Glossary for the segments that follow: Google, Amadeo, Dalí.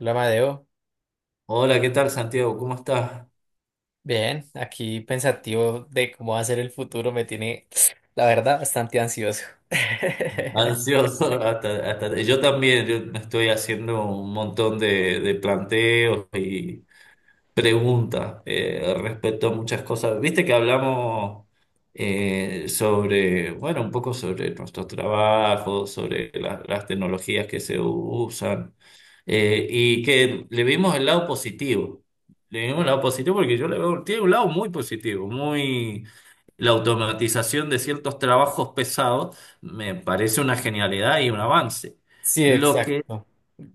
Hola, Amadeo. Hola, ¿qué tal Santiago? ¿Cómo estás? Bien, aquí pensativo de cómo va a ser el futuro me tiene, la verdad, bastante ansioso. Ansioso. Yo también, yo me estoy haciendo un montón de planteos y preguntas respecto a muchas cosas. Viste que hablamos sobre, bueno, un poco sobre nuestro trabajo, sobre las tecnologías que se usan. Y que le vimos el lado positivo. Le vimos el lado positivo porque yo le veo, tiene un lado muy positivo, muy... La automatización de ciertos trabajos pesados me parece una genialidad y un avance. Sí, Lo que, exacto.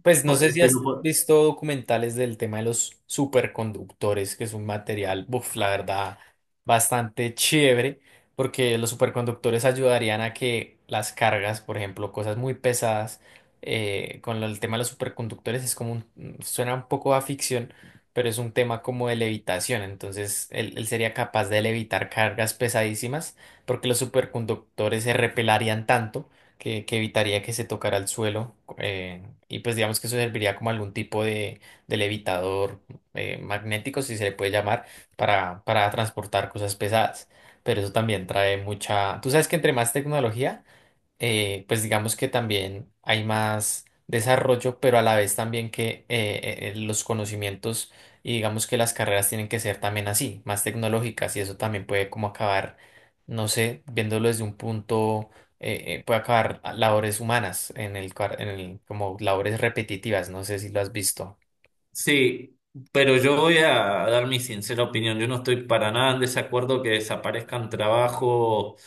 Pues no sé si has pero, visto documentales del tema de los superconductores, que es un material, buf, la verdad, bastante chévere, porque los superconductores ayudarían a que las cargas, por ejemplo, cosas muy pesadas, con el tema de los superconductores es como suena un poco a ficción, pero es un tema como de levitación, entonces él sería capaz de levitar cargas pesadísimas, porque los superconductores se repelarían tanto que evitaría que se tocara el suelo. Y pues digamos que eso serviría como algún tipo de levitador magnético, si se le puede llamar, para transportar cosas pesadas. Pero eso también trae mucha... Tú sabes que entre más tecnología, pues digamos que también hay más desarrollo, pero a la vez también que los conocimientos y digamos que las carreras tienen que ser también así, más tecnológicas y eso también puede como acabar, no sé, viéndolo desde un punto, puede acabar labores humanas en en el, como labores repetitivas, no sé si lo has visto. sí, pero yo voy a dar mi sincera opinión. Yo no estoy para nada en desacuerdo que desaparezcan trabajos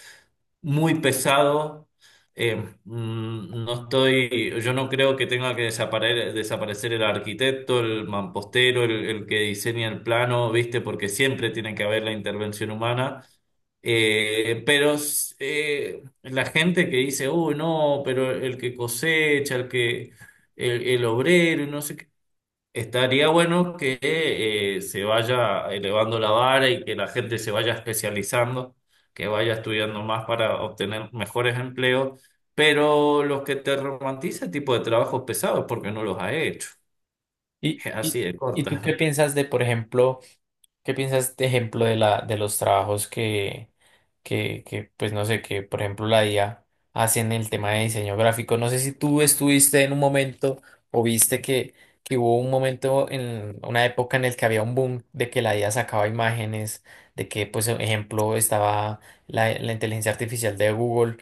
muy pesado. eh, no estoy, yo no creo que tenga que desaparecer, el arquitecto, el mampostero, el que diseña el plano, ¿viste? Porque siempre tiene que haber la intervención humana. Pero la gente que dice, uy, no, pero el que cosecha, el que, el obrero, y no sé qué. Estaría bueno que se vaya elevando la vara y que la gente se vaya especializando, que vaya estudiando más para obtener mejores empleos, pero los que te romantiza el tipo de trabajo pesado es porque no los ha hecho. ¿Y, Así y, de y tú qué corta. piensas de, por ejemplo, ¿qué piensas, de ejemplo, de de los trabajos que, pues no sé, que por ejemplo la IA hace en el tema de diseño gráfico? No sé si tú estuviste en un momento o viste que hubo un momento en una época en el que había un boom de que la IA sacaba imágenes, de que, pues, ejemplo, estaba la inteligencia artificial de Google,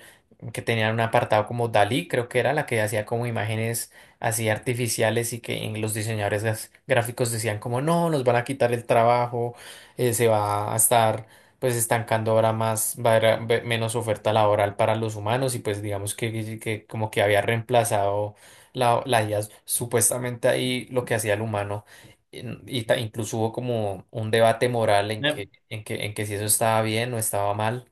que tenía un apartado como Dalí, creo que era la que hacía como imágenes así artificiales y que en los diseñadores gráficos decían como no, nos van a quitar el trabajo, se va a estar pues estancando ahora más, va a haber menos oferta laboral para los humanos y pues digamos que como que había reemplazado la IA supuestamente ahí lo que hacía el humano incluso hubo como un debate moral en en que si eso estaba bien o estaba mal.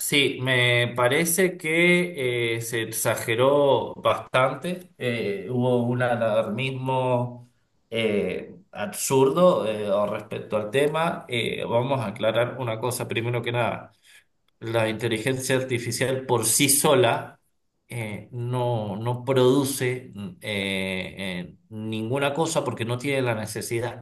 Sí, me parece que se exageró bastante, hubo un alarmismo absurdo al respecto al tema. Vamos a aclarar una cosa primero que nada, la inteligencia artificial por sí sola no, no produce ninguna cosa porque no tiene la necesidad.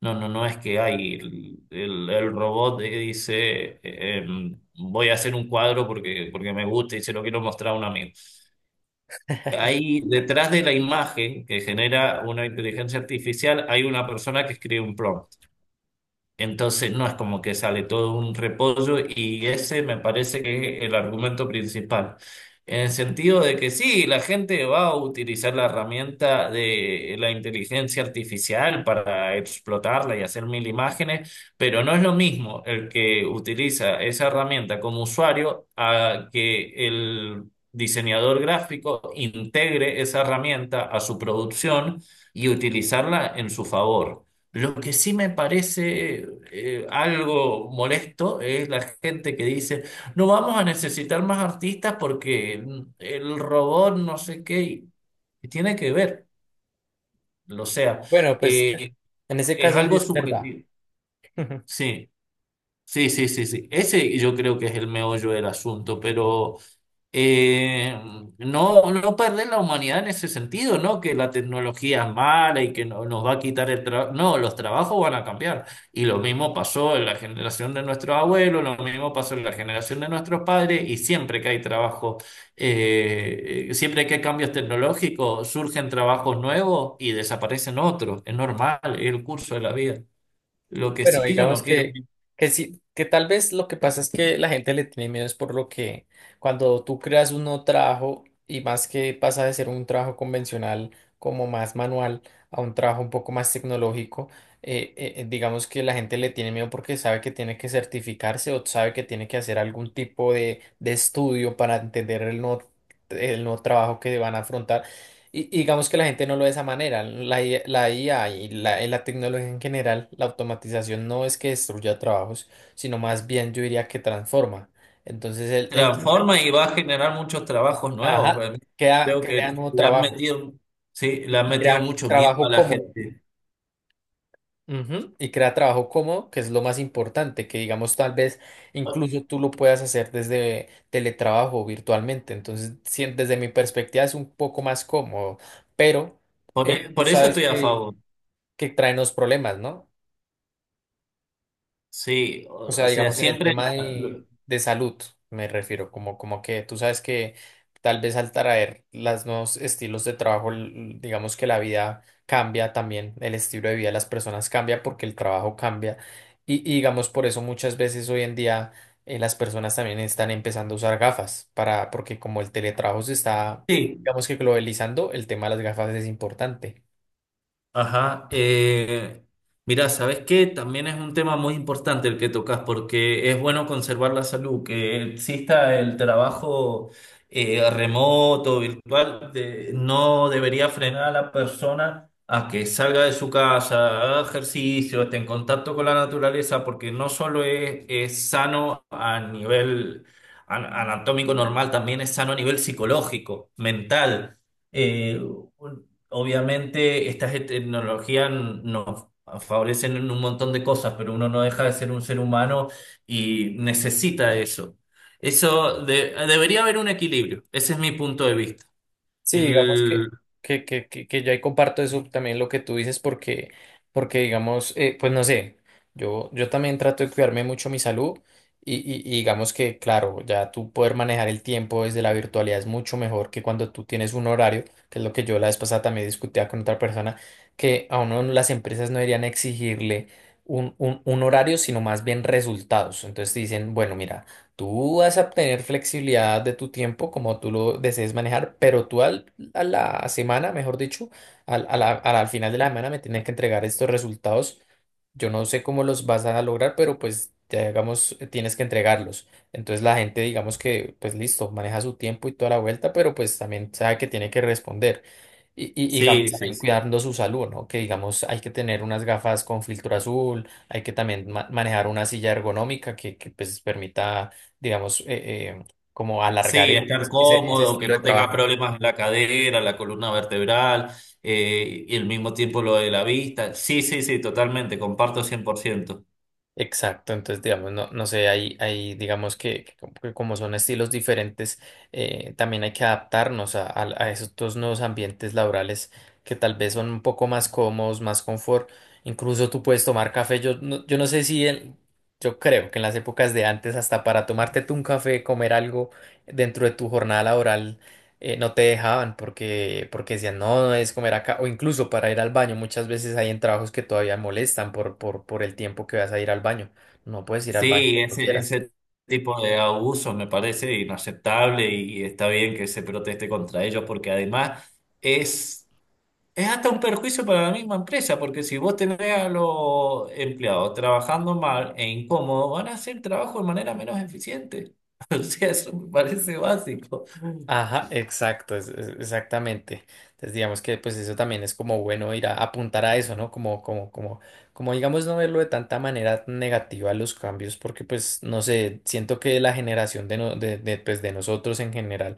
No, no, no es que hay el robot que dice, voy a hacer un cuadro porque, porque me gusta y se lo quiero mostrar a un amigo. Ahí detrás de la imagen que genera una inteligencia artificial hay una persona que escribe un prompt. Entonces no es como que sale todo un repollo y ese me parece que es el argumento principal. En el sentido de que sí, la gente va a utilizar la herramienta de la inteligencia artificial para explotarla y hacer mil imágenes, pero no es lo mismo el que utiliza esa herramienta como usuario a que el diseñador gráfico integre esa herramienta a su producción y utilizarla en su favor. Lo que sí me parece algo molesto es la gente que dice, no vamos a necesitar más artistas porque el robot no sé qué, y tiene que ver, o sea, Bueno, pues eh, en ese es caso sí algo es verdad. subjetivo. Sí, sí, sí, sí, sí. Ese yo creo que es el meollo del asunto, pero eh, no, no perder la humanidad en ese sentido, ¿no? Que la tecnología es mala y que nos va a quitar el trabajo. No, los trabajos van a cambiar. Y lo mismo pasó en la generación de nuestros abuelos, lo mismo pasó en la generación de nuestros padres, y siempre que hay trabajo, siempre que hay cambios tecnológicos, surgen trabajos nuevos y desaparecen otros. Es normal, es el curso de la vida. Lo que Bueno, sí yo no digamos quiero. Que sí, que tal vez lo que pasa es que la gente le tiene miedo es por lo que cuando tú creas un nuevo trabajo y más que pasa de ser un trabajo convencional como más manual a un trabajo un poco más tecnológico, digamos que la gente le tiene miedo porque sabe que tiene que certificarse o sabe que tiene que hacer algún tipo de estudio para entender el nuevo trabajo que van a afrontar. Y digamos que la gente no lo ve de esa manera. La IA y y la tecnología en general, la automatización no es que destruya trabajos, sino más bien yo diría que transforma. Entonces él llega, Transforma y va a generar muchos trabajos nuevos, ajá, ¿verdad? Creo crea que nuevo le han trabajo metido, sí, le han y metido crea mucho miedo a trabajo la cómodo. gente. Ujú. Y crea trabajo cómodo, que es lo más importante, que digamos tal vez incluso tú lo puedas hacer desde teletrabajo o virtualmente. Entonces, sí, desde mi perspectiva es un poco más cómodo, pero tú Por eso sabes estoy a favor. que traen los problemas, ¿no? Sí, O sea, o sea, digamos en el siempre, tema de salud, me refiero, como, como que tú sabes que tal vez al traer los nuevos estilos de trabajo, digamos que la vida cambia también, el estilo de vida de las personas cambia porque el trabajo cambia. Y digamos por eso muchas veces hoy en día, las personas también están empezando a usar gafas para, porque como el teletrabajo se está, sí, digamos que globalizando, el tema de las gafas es importante. ajá. Mira, ¿sabes qué? También es un tema muy importante el que tocas porque es bueno conservar la salud, que exista el trabajo remoto, virtual, de- no debería frenar a la persona a que salga de su casa, haga ejercicio, esté en contacto con la naturaleza, porque no solo es sano a nivel anatómico normal, también es sano a nivel psicológico, mental. Eh, Obviamente estas tecnologías nos favorecen en un montón de cosas, pero uno no deja de ser un ser humano y necesita eso. Eso debería haber un equilibrio. Ese es mi punto de vista. Sí, digamos que, El, que, que, que, que yo ahí comparto eso también lo que tú dices porque, porque digamos, pues no sé, yo también trato de cuidarme mucho mi salud y digamos que, claro, ya tú poder manejar el tiempo desde la virtualidad es mucho mejor que cuando tú tienes un horario, que es lo que yo la vez pasada también discutía con otra persona, que a uno las empresas no deberían exigirle un horario, sino más bien resultados. Entonces dicen, bueno, mira. Tú vas a obtener flexibilidad de tu tiempo como tú lo desees manejar, pero tú al, a la semana, mejor dicho, al, a la- al final de la semana me tienes que entregar estos resultados. Yo no sé cómo los vas a lograr, pero pues ya digamos, tienes que entregarlos. Entonces la gente, digamos que, pues listo, maneja su tiempo y toda la vuelta, pero pues también sabe que tiene que responder. Y digamos sí, sí, también sí. cuidando su salud, ¿no? Que digamos hay que tener unas gafas con filtro azul, hay que también manejar una silla ergonómica que, pues permita, digamos, eh, como alargar Sí, estar ese cómodo, que estilo de no tengas trabajo. problemas en la cadera, la columna vertebral, y al mismo tiempo lo de la vista. Sí, sí, sí, totalmente, comparto 100%. Exacto, entonces digamos, no, no sé, hay digamos que como son estilos diferentes, también hay que adaptarnos a esos nuevos ambientes laborales que tal vez son un poco más cómodos, más confort, incluso tú puedes tomar café, yo no, yo no sé si, yo creo que en las épocas de antes hasta para tomarte tú un café, comer algo dentro de tu jornada laboral, no te dejaban porque, porque decían, no, no es comer acá, o incluso para ir al baño, muchas veces hay en trabajos que todavía molestan por el tiempo que vas a ir al baño, no puedes ir al baño Sí, cuando ese, quieras. ese tipo de abusos me parece inaceptable y está bien que se proteste contra ellos porque además es, es hasta un perjuicio para la misma empresa porque si vos tenés a los empleados trabajando mal e incómodo, van a hacer trabajo de manera menos eficiente. O sea, eso me parece básico. Ajá, exacto, exactamente. Entonces digamos que pues eso también es como bueno ir a apuntar a eso, ¿no? Como digamos no verlo de tanta manera negativa los cambios, porque pues no sé, siento que la generación de, no- de, pues, de nosotros en general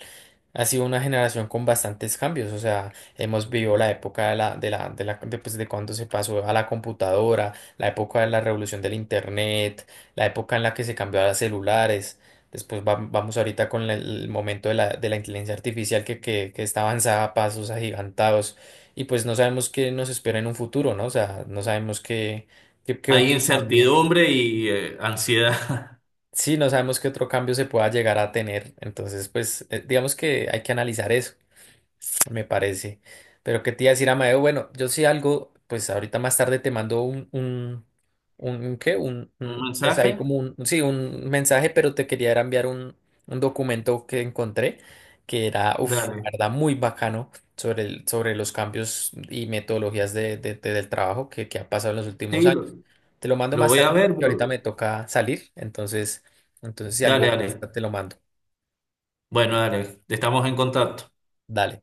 ha sido una generación con bastantes cambios, o sea, hemos vivido la época de de, pues, de cuando se pasó a la computadora, la época de la revolución del internet, la época en la que se cambió a los celulares, después vamos ahorita con el momento de de la inteligencia artificial que, que está avanzada a pasos agigantados y pues no sabemos qué nos espera en un futuro, ¿no? O sea, no sabemos qué Hay otro cambio. incertidumbre y ansiedad. Sí, no sabemos qué otro cambio se pueda llegar a tener, entonces pues digamos que hay que analizar eso. Me parece. Pero qué te iba a decir, Amadeo, bueno, yo sí algo, pues ahorita más tarde te mando ¿qué? ¿Un Pues ahí mensaje? como un, sí, un mensaje, pero te quería era enviar un documento que encontré que era, uff, la Dale. verdad, muy bacano sobre sobre los cambios y metodologías del trabajo que ha pasado en los últimos Sí, años. Te lo mando lo más voy a tarde, ver, que ahorita me bro. toca salir, entonces, entonces si Dale, algo, dale. te lo mando. Bueno, dale. Estamos en contacto. Dale.